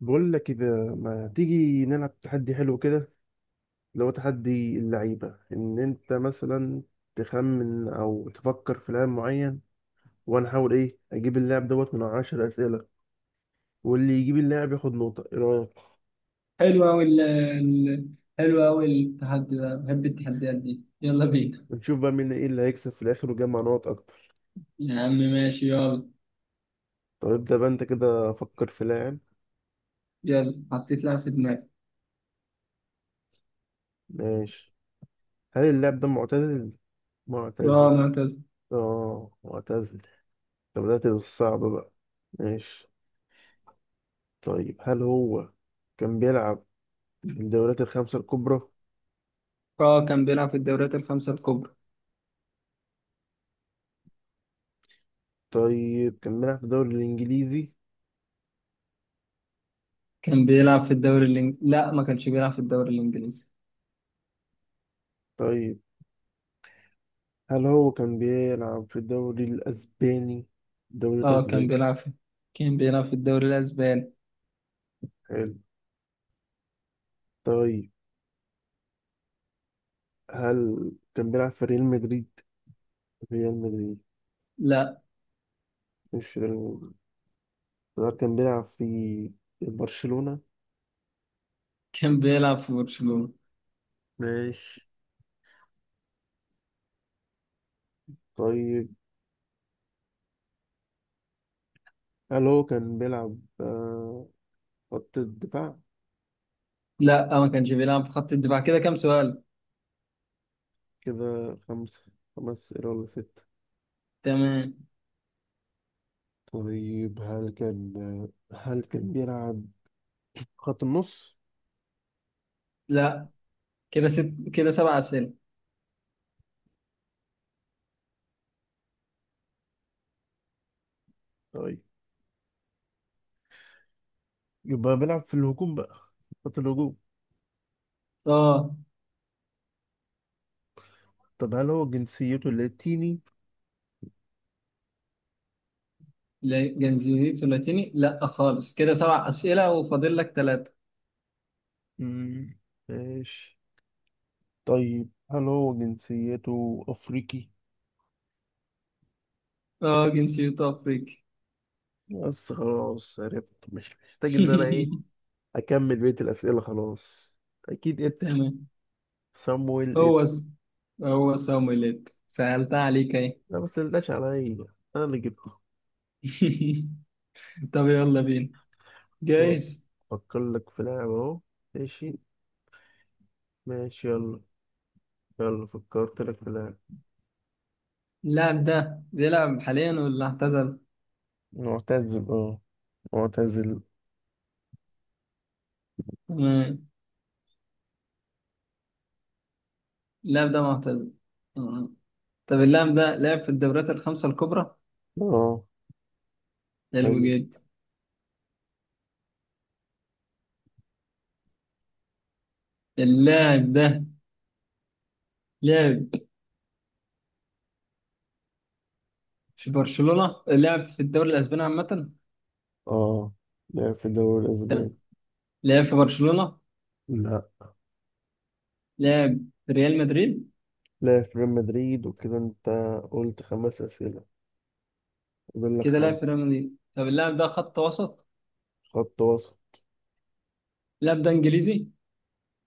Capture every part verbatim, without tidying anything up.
بقول لك إذا ما تيجي نلعب تحدي حلو كده، اللي هو تحدي اللعيبة إن أنت مثلا تخمن أو تفكر في لاعب معين، وأنا أحاول إيه أجيب اللاعب دوت من عشر أسئلة، واللي يجيب اللاعب ياخد نقطة. إيه رأيك؟ حلو أوي ال ال- حلو أوي التحدي ده، بحب التحديات دي، يلا بينا. ونشوف بقى مين إيه اللي هيكسب في الآخر ويجمع نقط أكتر. يا عم ماشي يلا. طب ابدأ بقى أنت كده، فكر في لاعب. يلا حطيت لاعب في دماغي. ماشي. هل اللاعب ده معتزل؟ اه معتزل. معتز آه، معتزل. طب بدأت بالصعب بقى. ماشي. طيب هل هو كان بيلعب في الدوريات الخمسة الكبرى؟ اه كان بيلعب في الدوريات الخمسة الكبرى. طيب، كان بيلعب في الدوري الإنجليزي. كان بيلعب في الدوري الإنجليزي، لا ما كانش بيلعب في الدوري الإنجليزي. طيب هل هو كان بيلعب في الدوري الأسباني؟ الدوري اه كان الأسباني. بيلعب في كان بيلعب في الدوري الأسباني. حلو. طيب هل كان بيلعب في ريال مدريد؟ ريال مدريد. لا. مش ريال مدريد. طب هل كان بيلعب في برشلونة؟ كان بيلعب في برشلونة. ماشي. طيب هل هو كان بيلعب آه، خط الدفاع؟ لا آه، ما كانش بيلعب في خط الدفاع. كده كام سؤال؟ كده خمسة خمس أسئلة ولا ستة؟ تمام. طيب هل كان آه، هل كان بيلعب خط النص؟ لا. كده ست، كده سبع أسئلة. طيب يبقى بيلعب في الهجوم بقى، خط الهجوم. اه. طب هل هو جنسيته لاتيني؟ ل- جنسيته لاتيني؟ لا خالص، كده سبع أسئلة وفاضل لك ثلاثة. مم، ماشي. طيب هل هو جنسيته أفريقي؟ اه جنسيته أفريقي. بس خلاص عرفت، مش محتاج إن أنا إيه أكمل بقية الأسئلة. خلاص. أكيد إتو. تمام. سامويل هو إتو. س... هو سامويليت سهلتها عليك اهي. لا، ما تسألناش عليا، أنا اللي جبته. طب يلا بينا. ماشي. جايز. أفكر لك في لاعب أهو. ماشي. ماشي يلا. يلا، فكرت لك في لاعب اللاعب ده بيلعب حاليا ولا اعتزل؟ معتزل. أه معتزل. تمام. اللاعب ده معتزل. تمام. طب اللاعب ده لعب في الدوريات الخمسة الكبرى؟ أه. حلو أيوة. جدا. اللاعب ده لعب في برشلونة، لعب في الدوري الأسباني عامة؟ اه، لعب في الدوري الأسباني. تمام. لعب في برشلونة. لا. لعب في ريال مدريد. لعب في ريال مدريد، وكده أنت قلت خمس أسئلة، فاضل لك كده لعب في خمسة. ريال مدريد. طب اللاعب ده خط وسط. خط وسط. اللاعب ده انجليزي؟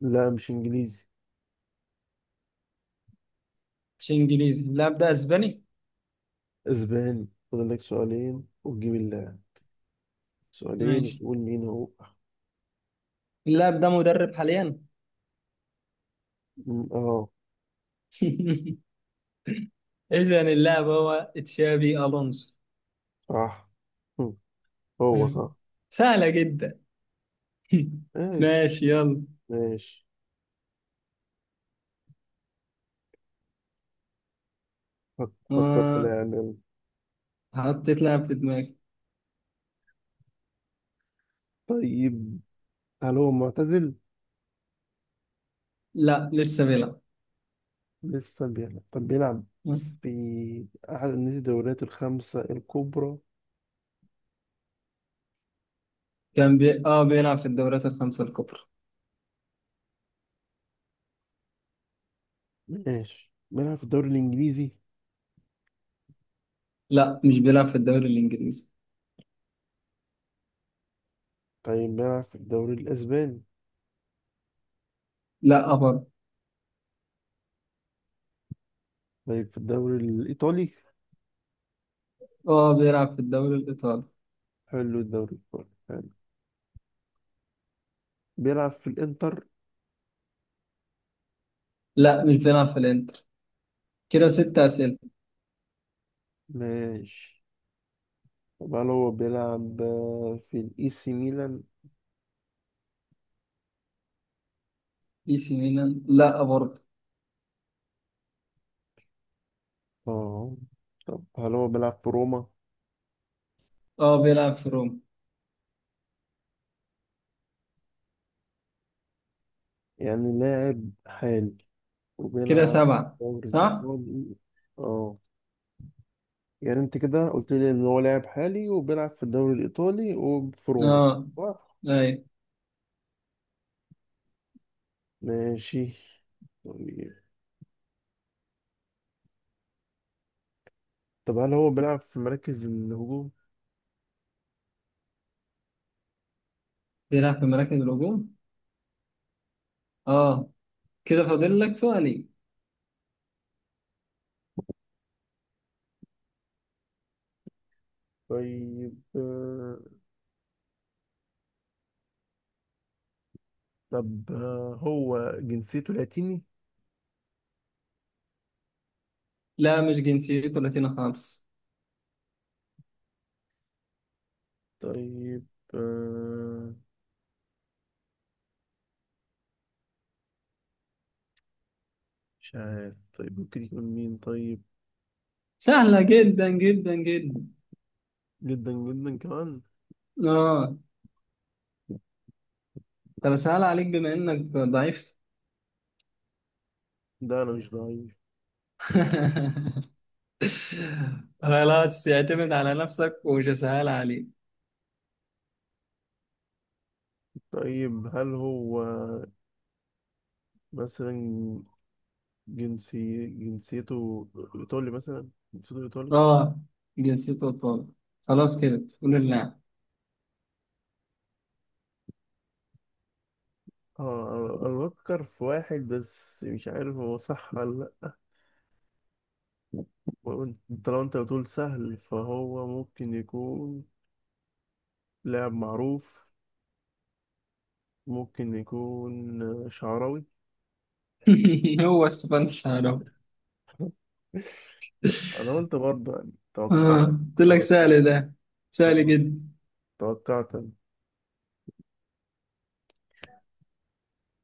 لا، مش إنجليزي. مش انجليزي. اللاعب ده اسباني. أسباني. فاضل لك سؤالين وتجيب اللاعب، سؤالين ماشي. وتقول مين هو. اللاعب ده مدرب حاليا؟ م- اه. اذا اللاعب هو تشابي الونسو. صح. هم، هو مم. صح. سهلة جدا. ماشي. ماشي يلا. ماشي. فك- فكر في آه لاعب يلا. حطيت لاعب في دماغي. طيب هل هو معتزل؟ لا لسه بيلعب. لسه بيلعب. طب بيلعب مم. في أحد الدوريات الخمسة الكبرى. كان بي... اه بيلعب في الدوريات الخمسة الكبرى. ماشي، بيلعب في الدوري الإنجليزي. لا مش بيلعب في الدوري الانجليزي. طيب بيلعب في الدوري الأسباني. لا برضه. طيب في الدوري الإيطالي. اه بيلعب في الدوري الايطالي. حلو، الدوري الإيطالي حلو. بيلعب في الإنتر. لا مش بيلعب في الانتر. كده ست أسئلة. ماشي. طب هل هو بيلعب آه، في الإي سي ميلان؟ اي سي ميلان؟ لا برضه. اه. طب هل هو بيلعب في روما؟ اه بيلعب في روما. يعني لاعب حالي كده وبيلعب سبعة، في الدوري صح؟ الإيطالي. اه. يعني انت كده قلت لي ان هو لاعب حالي وبيلعب في الدوري الإيطالي وفي روما. اه. صح. ايوه ماشي. طيب. طب هل هو بيلعب في مراكز الهجوم؟ بيلعب في مراكز الهجوم، اه. كده فاضل لك سؤالي طيب آه، طب آه، هو جنسيته لاتيني؟ لا مش جنسيته لاتينا خالص. طيب آه، مش عارف، طيب ممكن يكون مين طيب؟ سهلة جدا جدا جدا. جدا جدا كمان. اه. طب سهل عليك بما انك ضعيف. ده أنا مش ضعيف. خلاص اعتمد على نفسك ومش هسهل عليك. طيب هل هو مثلا جنسي جنسيته إيطالي مثلا؟ جنسيته إيطالي؟ اه جنسيته ايطالي. خلاص كده تقول اللاعب. اه، انا بفكر في واحد بس مش عارف هو صح ولا لا. وأنت- انت لو انت بتقول سهل فهو ممكن يكون لاعب معروف. ممكن يكون آه، شعراوي. هو ستيفان شارو انا قلت برضه، يعني توقعت آه، قلت لك توقعت سهل ده. سهل جدا. توقعت أنا.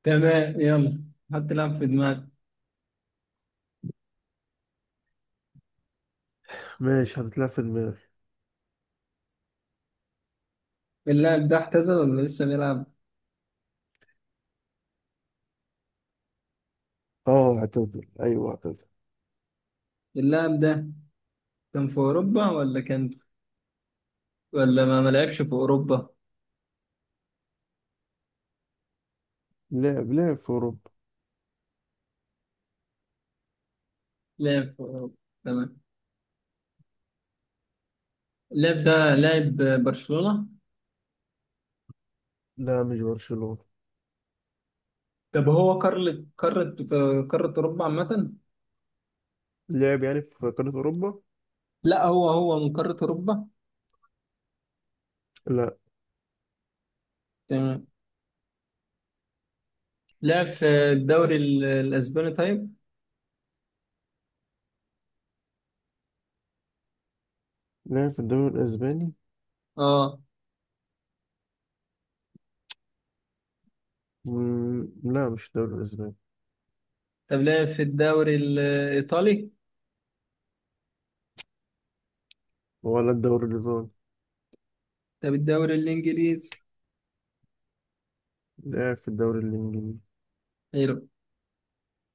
تمام يلا. حط لاعب في دماغك. ماشي. هتتلعب في دماغي. اللاعب ده اعتزل ولا لسه بيلعب؟ اه اعتزل، ايوه اعتزل. اللاعب ده كان في أوروبا، ولا كان، ولا ما ما لعبش في أوروبا؟ لعب لعب في اوروبا. لعب في أوروبا. تمام. اللاعب ده لاعب برشلونة؟ لا، مش برشلونة. طب هو قارة قارة قارة أوروبا عامة؟ لعب يعني في قارة اوروبا. لا هو هو من قارة أوروبا. لا. تمام. لعب في الدوري ال- الأسباني طيب؟ لعب في الدوري الاسباني. اه. مم، لا، مش الدوري الاسباني. طب لعب في الدوري الإيطالي؟ ولا الدوري الياباني. طب الدوري الإنجليزي. لعب في الدوري الانجليزي. حلو.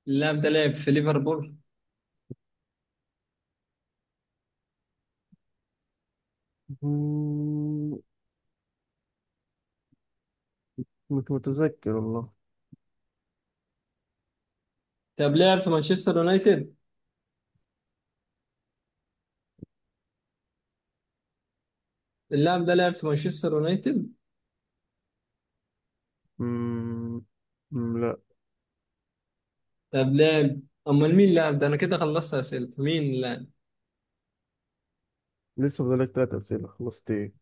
اللاعب ده لعب في ليفربول؟ مم، مش متذكر والله. طب لعب في مانشستر يونايتد. اللاعب ده لعب في مانشستر يونايتد. مم، مم، لا. طب لعب، امال مين اللاعب ده؟ انا كده خلصت اسئلتي. مين اللاعب؟ لسه فاضلك تلات أسئلة، خلصت إيه؟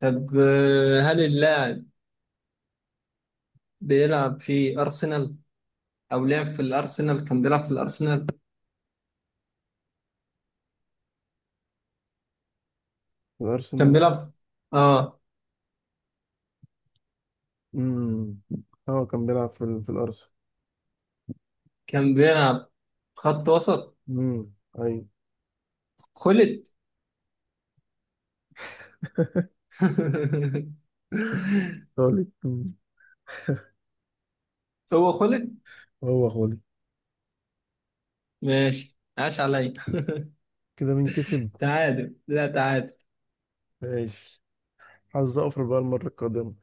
طب آه، هل اللاعب بيلعب في ارسنال، او لعب في الارسنال، كان بيلعب في الارسنال؟ كان الأرسنال. بيلعب، اه. مم. هو كان بيلعب في, ال- في الأرسنال. كان بيلعب خط وسط. مم. أيوة. خلت. خالد. مم. هو خلت. هو خالد. ماشي عاش عليا. كده مين كسب؟ تعادل، لا تعادل. ماشي، حظ أوفر بقى المرة القادمة.